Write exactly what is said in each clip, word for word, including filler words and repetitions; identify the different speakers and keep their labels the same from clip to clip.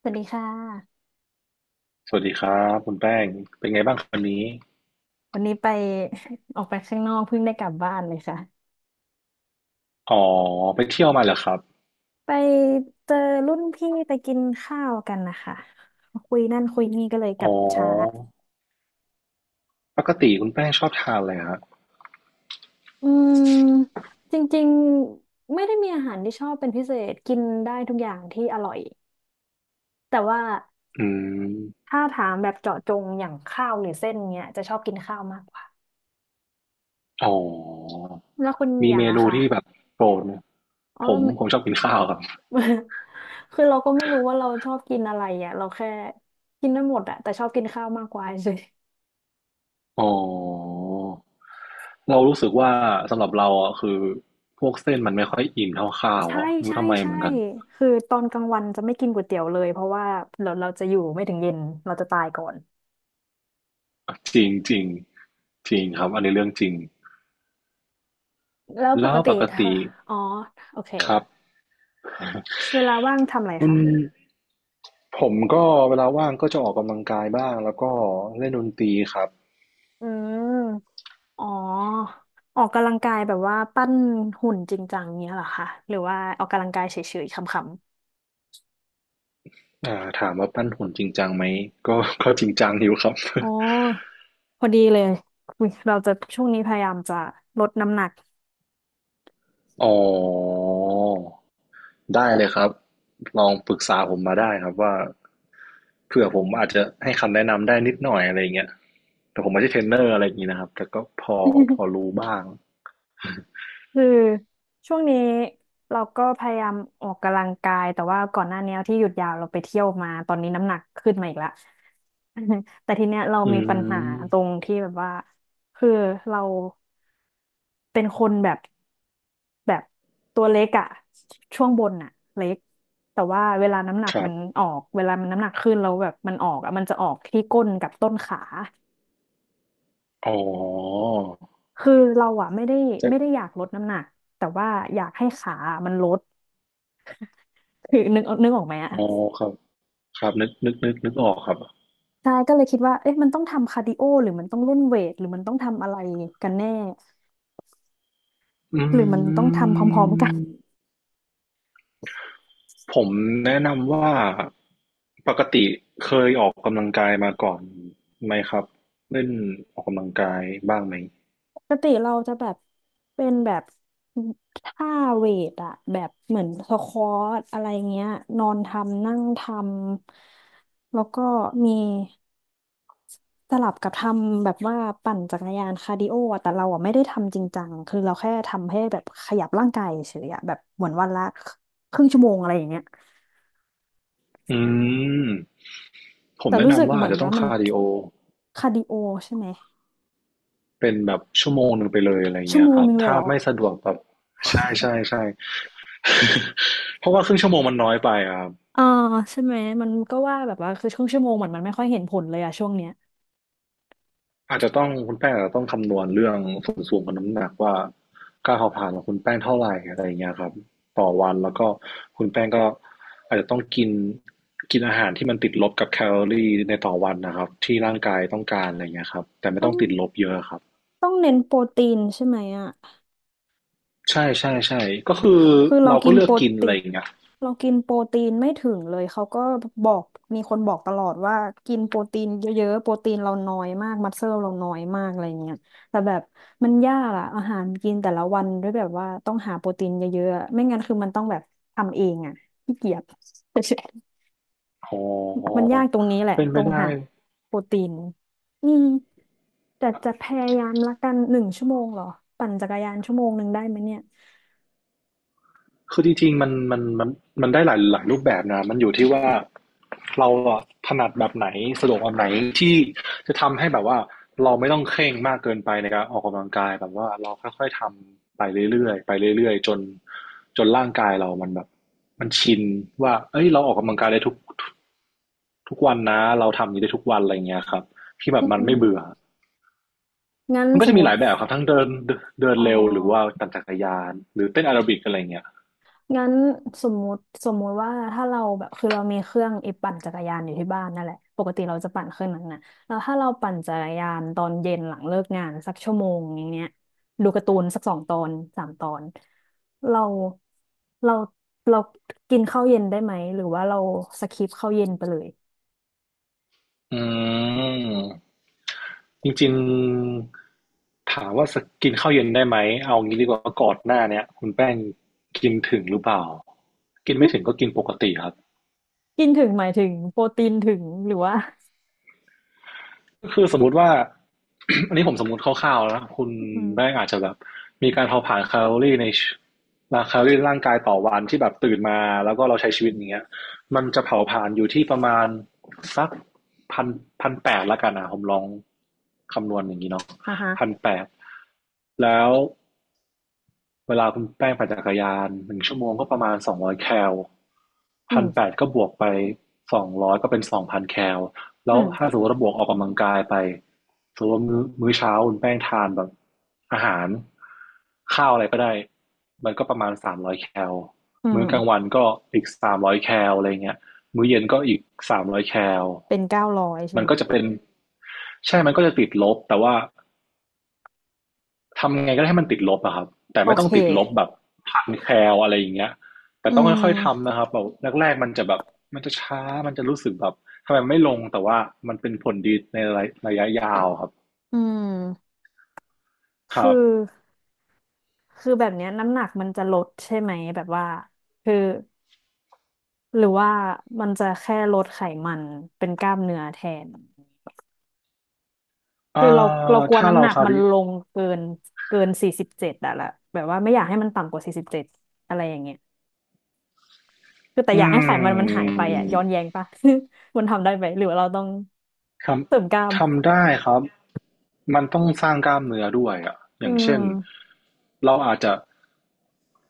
Speaker 1: สวัสดีค่ะ
Speaker 2: สวัสดีครับคุณแป้งเป็นไงบ้างครับวันนี้
Speaker 1: วันนี้ไป ออกไปข้างนอกเพิ่งได้กลับบ้านเลยค่ะ
Speaker 2: อ๋อไปเที่ยวมาเหรอครับ
Speaker 1: ไปเจอรุ่นพี่ไปกินข้าวกันนะคะคุยนั่นคุยนี่ก็เลยก
Speaker 2: อ๋
Speaker 1: ลับช้า
Speaker 2: อปกติคุณแป้งชอบทานอะไรฮะ
Speaker 1: อืมจริงๆไม่ได้มีอาหารที่ชอบเป็นพิเศษกินได้ทุกอย่างที่อร่อยแต่ว่า
Speaker 2: อืม
Speaker 1: ถ้าถามแบบเจาะจงอย่างข้าวหรือเส้นเนี้ยจะชอบกินข้าวมากกว่า
Speaker 2: อ๋อ
Speaker 1: แล้วคุณ
Speaker 2: มี
Speaker 1: อย่า
Speaker 2: เม
Speaker 1: งอะ
Speaker 2: นู
Speaker 1: คะ
Speaker 2: ที่แบบโปรดไหม
Speaker 1: อ๋อ
Speaker 2: ผมผมชอบกินข้าวครับ
Speaker 1: คือเราก็ไม่รู้ว่าเราชอบกินอะไรอ่ะเราแค่กินได้หมดอะแต่ชอบกินข้าวมากกว่าเฉย
Speaker 2: อ๋อเรารู้สึกว่าสำหรับเราอ่ะคือพวกเส้นมันไม่ค่อยอิ่มเท่าข้า
Speaker 1: ๆ
Speaker 2: ว
Speaker 1: ใช่
Speaker 2: อ่ะไม่รู้
Speaker 1: ใช่
Speaker 2: ทำไม
Speaker 1: ใช่
Speaker 2: เหมือนกัน
Speaker 1: คือตอนกลางวันจะไม่กินก๋วยเตี๋ยวเลยเพราะว่าเราเราจะอยู่ไม่ถึงเย็นเราจะตายก่อน
Speaker 2: จริงจริงจริงครับอันนี้เรื่องจริง
Speaker 1: แล้วป
Speaker 2: แล้
Speaker 1: ก
Speaker 2: ว
Speaker 1: ติ
Speaker 2: ปก
Speaker 1: เธอ
Speaker 2: ติ
Speaker 1: อ๋อโอเค
Speaker 2: ครับ
Speaker 1: เวลาว่างทำอะไร
Speaker 2: คุณ
Speaker 1: คะ
Speaker 2: ผมก็เวลาว่างก็จะออกกำลังกายบ้างแล้วก็เล่นดนตรีครับ
Speaker 1: อืมอ๋อออกกำลังกายแบบว่าปั้นหุ่นจริงจังเงี้ยเหรอคะหรือว่าออกกำลังกายเฉยๆคำ
Speaker 2: อ่าถามว่าปั้นหุ่นจริงจังไหมก็ ก็จริงจังอยู่ครับ
Speaker 1: อ๋อพอดีเลยเราจะช่วงนี้พยายามจะลดน้ำหนัก
Speaker 2: อ๋อได้เลยครับลองปรึกษาผมมาได้ครับว่าเผื่อผมอาจจะให้คำแนะนำได้นิดหน่อยอะไรอย่างเงี้ยแต่ผมไม่ใช่เทรนเนอร์อะไรอย่างงี้นะครับแต่ก็พอพอ รู้บ้าง
Speaker 1: คือช่วงนี้เราก็พยายามออกกำลังกายแต่ว่าก่อนหน้านี้ที่หยุดยาวเราไปเที่ยวมาตอนนี้น้ำหนักขึ้นมาอีกละ แต่ทีเนี้ยเรา
Speaker 2: อื
Speaker 1: มี
Speaker 2: ม
Speaker 1: ปัญหาตรงที่แบบว่าคือเราเป็นคนแบบแบบตัวเล็กอะช่วงบนอะเล็กแต่ว่าเวลาน้ำหนัก
Speaker 2: ครั
Speaker 1: มั
Speaker 2: บ
Speaker 1: นออกเวลามันน้ำหนักขึ้นแล้วแบบมันออกอะมันจะออกที่ก้นกับต้นขา
Speaker 2: อ๋อ
Speaker 1: คือเราอะไม่ได้
Speaker 2: จะ
Speaker 1: ไม่ได้อยากลดน้ำหนักแต่ว่าอยากให้ขามันลด คือนึกนึกออกไหมอะ
Speaker 2: อ๋อครับครับนึกนึกนึกนึกออกครับ
Speaker 1: ใช่ก็เลยคิดว่าเอ๊ะมันต้องทำคาร์ดิโอหรือมันต้องเล่นเวทหรือมันต้องทำอะไรกันแน่
Speaker 2: อื
Speaker 1: หรือมันต้อง
Speaker 2: ม
Speaker 1: ทำพร้อมๆกัน
Speaker 2: ผมแนะนำว่าปกติเคยออกกำลังกายมาก่อนไหมครับเล่นออกกำลังกายบ้างไหม
Speaker 1: ปกติเราจะแบบเป็นแบบท่าเวทอะแบบเหมือนสควอตอะไรเงี้ยนอนทำนั่งทำแล้วก็มี สลับกับทำแบบว่าปั่นจักรยานคาร์ดิโออะแต่เราอ่ะไม่ได้ทำจริงจังคือเราแค่ทำให้แบบขยับร่างกายเฉยอะแบบเหมือนวันละครึ่งชั่วโมงอะไรอย่างเงี้ย
Speaker 2: อืมผม
Speaker 1: แต่
Speaker 2: แนะ
Speaker 1: รู้สึก
Speaker 2: นำว่า
Speaker 1: เห
Speaker 2: อา
Speaker 1: มือ
Speaker 2: จ
Speaker 1: น
Speaker 2: จะต้อ
Speaker 1: ว่า
Speaker 2: ง
Speaker 1: มัน
Speaker 2: คาร์ดิโอ
Speaker 1: คาร์ดิโอใช่ไหม
Speaker 2: เป็นแบบชั่วโมงหนึ่งไปเลยอะไร
Speaker 1: ชั่ว
Speaker 2: เงี้ย
Speaker 1: โม
Speaker 2: ค
Speaker 1: ง
Speaker 2: รับ
Speaker 1: นึงเลย
Speaker 2: ถ้า
Speaker 1: เหรอ
Speaker 2: ไม่สะดวกแบบใช่ใช่ใช่ เพราะว่าครึ่งชั่วโมงมันน้อยไปอะครับ
Speaker 1: อ่าใช่ไหมมันก็ว่าแบบว่าคือช่วงชั่วโมงเหมือนมันไม่ค่อยเห็นผลเลยอะช่วงเนี้ย
Speaker 2: อาจจะต้องคุณแป้งอาจจะต้องคำนวณเรื่องส่วนสูงกับน้ำหนักว่าการเผาผลาญของคุณแป้งเท่าไหร่อะไรอย่างเงี้ยครับต่อวันแล้วก็คุณแป้งก็อาจจะต้องกินกินอาหารที่มันติดลบกับแคลอรี่ในต่อวันนะครับที่ร่างกายต้องการอะไรเงี้ยครับแต่ไม่
Speaker 1: ต้
Speaker 2: ต้
Speaker 1: อ
Speaker 2: อ
Speaker 1: ง
Speaker 2: งติดลบเยอะครับ
Speaker 1: ต้องเน้นโปรตีนใช่ไหมอะ
Speaker 2: ใช่ใช่ใช่ก็คือ
Speaker 1: คือเรา
Speaker 2: เรา
Speaker 1: กิ
Speaker 2: ก็
Speaker 1: น
Speaker 2: เลื
Speaker 1: โป
Speaker 2: อก
Speaker 1: ร
Speaker 2: กิน
Speaker 1: ตี
Speaker 2: อะไร
Speaker 1: น
Speaker 2: อย่างเงี้ย
Speaker 1: เรากินโปรตีนไม่ถึงเลยเขาก็บอกมีคนบอกตลอดว่ากินโปรตีนเยอะๆโปรตีนเราน้อยมากมัสเซลเราน้อยมากอะไรเงี้ยแต่แบบมันยากอะอาหารกินแต่ละวันด้วยแบบว่าต้องหาโปรตีนเยอะๆไม่งั้นคือมันต้องแบบทำเองอะขี้เกียจ
Speaker 2: อ๋
Speaker 1: มัน
Speaker 2: อ
Speaker 1: ยากตรงนี้แหละ
Speaker 2: เป็น
Speaker 1: ตร
Speaker 2: ไม่
Speaker 1: ง
Speaker 2: ได้
Speaker 1: หาโปรตีนอืมแต่จะพยายามละกันหนึ่งชั่วโมงเหรอปั่นจักรยานชั่วโมงหนึ่งได้ไหมเนี่ย
Speaker 2: คือจริงๆมันมันมันมันได้หลายหลายรูปแบบนะมันอยู่ที่ว่าเราถนัดแบบไหนสะดวกแบบไหนที่จะทำให้แบบว่าเราไม่ต้องเคร่งมากเกินไปในการออกกำลังกายแบบว่าเราค่อยๆทำไปเรื่อยๆไปเรื่อยๆจนจนร่างกายเรามันแบบมันชินว่าเอ้ยเราออกกำลังกายได้ทุกทุกวันนะเราทำอย่างนี้ได้ทุกวันอะไรเงี้ยครับที่แบ
Speaker 1: อื
Speaker 2: บมันไม่เบื่อ
Speaker 1: มงั้น
Speaker 2: มันก็
Speaker 1: สม
Speaker 2: จะ
Speaker 1: ม
Speaker 2: มีหลา
Speaker 1: ติ
Speaker 2: ยแบบครับทั้งเดินเดิน
Speaker 1: อ๋อ
Speaker 2: เร็วหรือว่าปั่นจักรยานหรือเต้นแอโรบิกอะไรเงี้ย
Speaker 1: งั้นสมมุติสมมุติว่าถ้าเราแบบคือเรามีเครื่องไอ้ปั่นจักรยานอยู่ที่บ้านนั่นแหละปกติเราจะปั่นเครื่องนั้นน่ะแล้วถ้าเราปั่นจักรยานตอนเย็นหลังเลิกงานสักชั่วโมงอย่างเงี้ยดูการ์ตูนสักสองตอนสามตอนเราเราเรากินข้าวเย็นได้ไหมหรือว่าเราสคิปข้าวเย็นไปเลย
Speaker 2: อืมจริงๆถามว่าสกกินข้าวเย็นได้ไหมเอางี้ดีกว่าก่อนหน้าเนี้ยคุณแป้งกินถึงหรือเปล่ากินไม่ถึงก็กิน ปกติครับ
Speaker 1: กินถึงหมายถึงโปรตีนถึงหรือว่า
Speaker 2: ก็คือสมมติว่า อันนี้ผมสมมติคร่าวๆแล้วนะคุณ
Speaker 1: อืม
Speaker 2: แป้งอาจจะแบบมีการเผาผลาญแคลอรี่ในแคลอรี่ในร่างกายต่อวันที่แบบตื่นมาแล้วก็เราใช้ชีวิตอย่างเงี้ยมันจะเผาผลาญอยู่ที่ประมาณสักพันพันแปดละกันนะผมลองคำนวณอย่างนี้เนาะ
Speaker 1: อ่าฮะ
Speaker 2: พันแปดแล้ว เวลาคุณแป้งปั่นจักรยานหนึ่งชั่วโมงก็ประมาณสองร้อยแคล
Speaker 1: อื
Speaker 2: พันแป
Speaker 1: ม
Speaker 2: ดก็บวกไปสองร้อยก็เป็นสองพันแคล
Speaker 1: อื
Speaker 2: แล้วถ้า
Speaker 1: ม
Speaker 2: สมมติว่าบวกออกกำลังกายไปสมมติว่ามื้อมื้อเช้าคุณแป้งทานแบบอาหารข้าวอะไรก็ได้มันก็ประมาณสามร้อยแคล
Speaker 1: อื
Speaker 2: มื้
Speaker 1: ม
Speaker 2: อกลางวันก็อีกสามร้อยแคลอะไรเงี้ยมื้อเย็นก็อีกสามร้อยแคล
Speaker 1: เป็นเก้าร้อยใช่
Speaker 2: มัน
Speaker 1: ไหม
Speaker 2: ก็จะเป็นใช่มันก็จะติดลบแต่ว่า ทำไงก็ได้ให้มันติดลบอะครับแต่
Speaker 1: โอ
Speaker 2: ไม่ต้
Speaker 1: เค
Speaker 2: องติดลบแบบพันแคลอะไรอย่างเงี้ยแต่
Speaker 1: อื
Speaker 2: ต้องค่อยๆ
Speaker 1: ม
Speaker 2: ทำนะครับแบบแรกๆมันจะแบบมันจะช้ามันจะรู้สึกแบบทำไมไม่ลงแต่ว่ามันเป็นผลดีในระยะยาวครับ
Speaker 1: อืม
Speaker 2: ค
Speaker 1: คือ
Speaker 2: รับ
Speaker 1: คือแบบเนี้ยน้ำหนักมันจะลดใช่ไหมแบบว่าคือหรือว่ามันจะแค่ลดไขมันเป็นกล้ามเนื้อแทนคื
Speaker 2: เอ่
Speaker 1: อเราเรา
Speaker 2: อ
Speaker 1: กลัว
Speaker 2: ถ้า
Speaker 1: น้ำห
Speaker 2: เรา
Speaker 1: นัก
Speaker 2: คา
Speaker 1: มัน
Speaker 2: วี
Speaker 1: ลงเกินเกินสี่สิบเจ็ดอะละแบบว่าไม่อยากให้มันต่ำกว่าสี่สิบเจ็ดอะไรอย่างเงี้ยคือแต่อ
Speaker 2: อื
Speaker 1: ยากให้ไขมันมันหายไปอะย้อนแย้
Speaker 2: ม
Speaker 1: งปะ มันทำได้ไหมหรือว่าเราต้อง
Speaker 2: ท
Speaker 1: เสริมกล้าม
Speaker 2: ำทำได้ครับมันต้องสร้างกล้ามเนื้อด้วยอะอ
Speaker 1: อื
Speaker 2: ย่างเช่น
Speaker 1: ม
Speaker 2: เราอาจจะ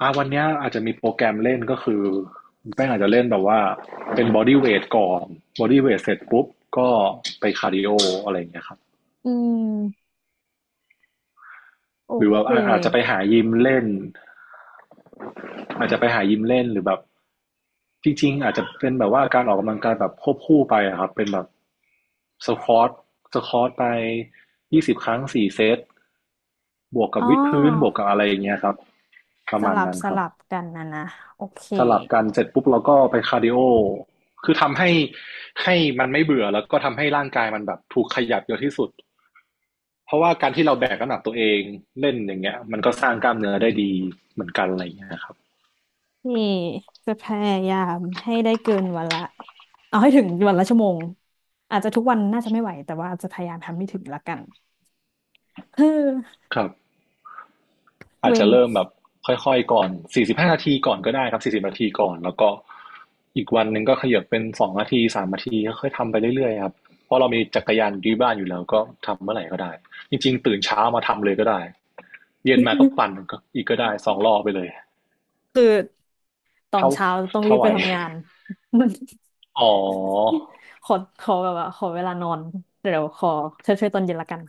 Speaker 2: อ่าวันเนี้ยอาจจะมีโปรแกรมเล่นก็คือแป้งอาจจะเล่นแบบว่าเป็นบอดี้เวทก่อนบอดี้เวทเสร็จปุ๊บก็ไปคาร์ดิโออะไรอย่างเงี้ยครับ
Speaker 1: อืมโอ
Speaker 2: หรือว่า
Speaker 1: เค
Speaker 2: อาอาจจะไปหายิมเล่น อาจจะไปหายิมเล่นหรือแบบจริงๆอาจจะเป็นแบบว่าการออกกำลังกายแบบควบคู่ไปอะครับเป็นแบบสควอตสควอตไปยี่สิบครั้งสี่เซตบวกกับ
Speaker 1: อ๋อ
Speaker 2: วิดพื้นบวกกับอะไรอย่างเงี้ยครับประ
Speaker 1: ส
Speaker 2: มาณ
Speaker 1: ลับ
Speaker 2: นั้น
Speaker 1: ส
Speaker 2: ครับ
Speaker 1: ลับกันนะนะโอเค
Speaker 2: สลับกันเสร็จปุ๊บเราก็ไปคาร์ดิโอคือทำให้ให้มันไม่เบื่อแล้วก็ทำให้ร่างกายมันแบบถูกขยับเยอะที่สุดเพราะว่าการที่เราแบกน้ำหนักตัวเองเล่นอย่างเงี้ยมันก็สร้างกล้ามเนื้อได้ดีเหมือนกันอะไรอย่างเงี้ยครับ
Speaker 1: นี่จะพยายามให้ได้เกินวันละเอาให้ถึงวันละชั่วโมงอาจจะทุกวันน่าจะไม่ไหวแต่ว่าจะพยายามทำให้ถึงละกัน เออ
Speaker 2: ครับ อาจ
Speaker 1: เว้
Speaker 2: จะ
Speaker 1: น
Speaker 2: เริ่มแบบค่อยๆก่อนสี่สิบห้านาทีก่อนก็ได้ครับสี่สิบนาทีก่อนแล้วก็อีกวันหนึ่งก็ขยับเป็นสองนาทีสามนาทีค่อยๆทำไปเรื่อยๆครับเพราะเรามีจักรยานอที่บ้านอยู่แล้วก็ทำเมื่อไหร่ก็ได้จริงๆตื่นเช้ามาทำเลยก็ได้เย็นมาก็ปั่น ก็อีกก็ได้สองรอบไปเลย
Speaker 1: คือตอน
Speaker 2: เท่า
Speaker 1: เช้าต้องรี
Speaker 2: เท่า
Speaker 1: บ
Speaker 2: ไหว
Speaker 1: ไปทำงาน มัน
Speaker 2: อ๋อ
Speaker 1: ขอขอแบบว่าขอเวลานอนเดี๋ยวขอเช่วยๆตอนเย็นละกัน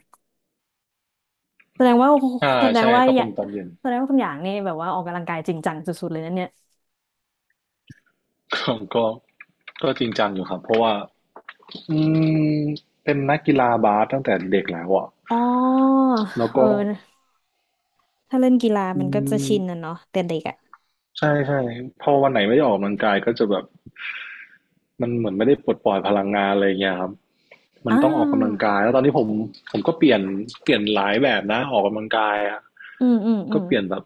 Speaker 1: แสดงว่า
Speaker 2: อ่า
Speaker 1: แสดง
Speaker 2: ใช่
Speaker 1: ว่า
Speaker 2: ก็
Speaker 1: อ
Speaker 2: เป็
Speaker 1: ย่า
Speaker 2: นตอนเย็น
Speaker 1: แสดงว่าคุณอย่างนี่แบบว่าออกกำลังกายจริงจังสุดๆเลยนะเนี่ย
Speaker 2: ก็ก็จริงจังอยู่ครับเพราะว่าอืมเป็นนักกีฬาบาสตั้งแต่เด็กแล้วอะ
Speaker 1: อ๋อ
Speaker 2: แล้ว
Speaker 1: เอ
Speaker 2: ก็
Speaker 1: อถ้าเล่นกีฬา
Speaker 2: อื
Speaker 1: มันก็จะ
Speaker 2: ม
Speaker 1: ชินนะเนาะแต่เด็กอะ
Speaker 2: ใช่ใช่พอวันไหนไม่ได้ออกกำลังกายก็จะแบบมันเหมือนไม่ได้ปลดปล่อยพลังงานอะไรอย่างเงี้ยครับมั
Speaker 1: อ่
Speaker 2: นต้องออกกำลัง
Speaker 1: า
Speaker 2: กายแล้วตอนนี้ผมผมก็เปลี่ยนเปลี่ยนหลายแบบนะออกกำลังกายอะ
Speaker 1: อืมอืมอื
Speaker 2: ก็
Speaker 1: ม
Speaker 2: เปลี่ยนแบบ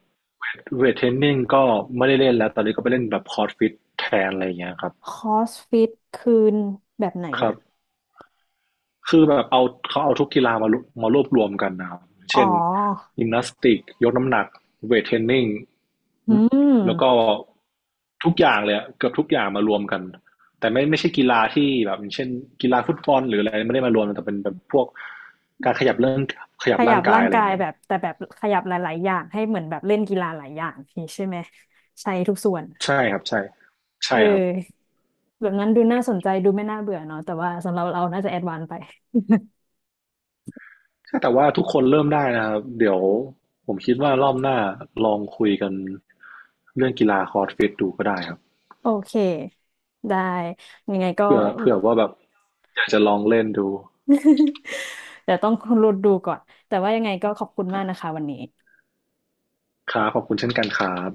Speaker 2: เวทเทรนนิ่งก็ไม่ได้เล่นแล้วตอนนี้ก็ไปเล่นแบบคอร์สฟิตแทนอะไรอย่างเงี้ยครับ
Speaker 1: คอสฟิตคืนแบบไหน
Speaker 2: ครั
Speaker 1: อ่ะ
Speaker 2: บ คือแบบเอาเขาเอาทุกกีฬามารวมารวบรวมกันนะครับ
Speaker 1: อ๋
Speaker 2: เช่น
Speaker 1: อ
Speaker 2: ยิมนาสติกยกน้ำหนักเวทเทรนนิ่ง
Speaker 1: อืม
Speaker 2: แล้วก็ทุกอย่างเลยอะเกือบทุกอย่างมารวมกันแต่ไม่ไม่ใช่กีฬาที่แบบเช่นกีฬาฟุตบอลหรืออะไรไม่ได้มารวมแต่เป็นแบบพวกการขยับเรื่องขยั
Speaker 1: ข
Speaker 2: บ
Speaker 1: ยั
Speaker 2: ร่า
Speaker 1: บ
Speaker 2: งกา
Speaker 1: ร่า
Speaker 2: ย
Speaker 1: ง
Speaker 2: อะไรอ
Speaker 1: กา
Speaker 2: ย่า
Speaker 1: ย
Speaker 2: งเงี้
Speaker 1: แบ
Speaker 2: ย
Speaker 1: บแต่แบบขยับหลายๆอย่างให้เหมือนแบบเล่นกีฬาหลายอย่างนี่ใช่ไหมใช้ทุกส่วน
Speaker 2: ใช่ครับใช่
Speaker 1: เ
Speaker 2: ใช่ครับ
Speaker 1: ออแบบนั้นดูน่าสนใจดูไม่น่าเบื่อเนาะแต่ว่าสำหรับเราน่าจะแอดวานซ์ไป
Speaker 2: ใช่แต่ว่าทุกคนเริ่มได้นะครับเดี๋ยวผมคิดว่ารอบหน้าลองคุยกันเรื่องกีฬาคอร์สฟิตดูก็ได้ครับ
Speaker 1: โอเคได้ยังไงก็
Speaker 2: เผื่อเผื่อว่าแบบอยากจะลองเล่นดู
Speaker 1: เดี๋ยวต้อง รุดดูก่อนแต่ว่ายังไงก็ขอบคุณมากนะคะวันนี้
Speaker 2: ครับขอบคุณเช่นกันครับ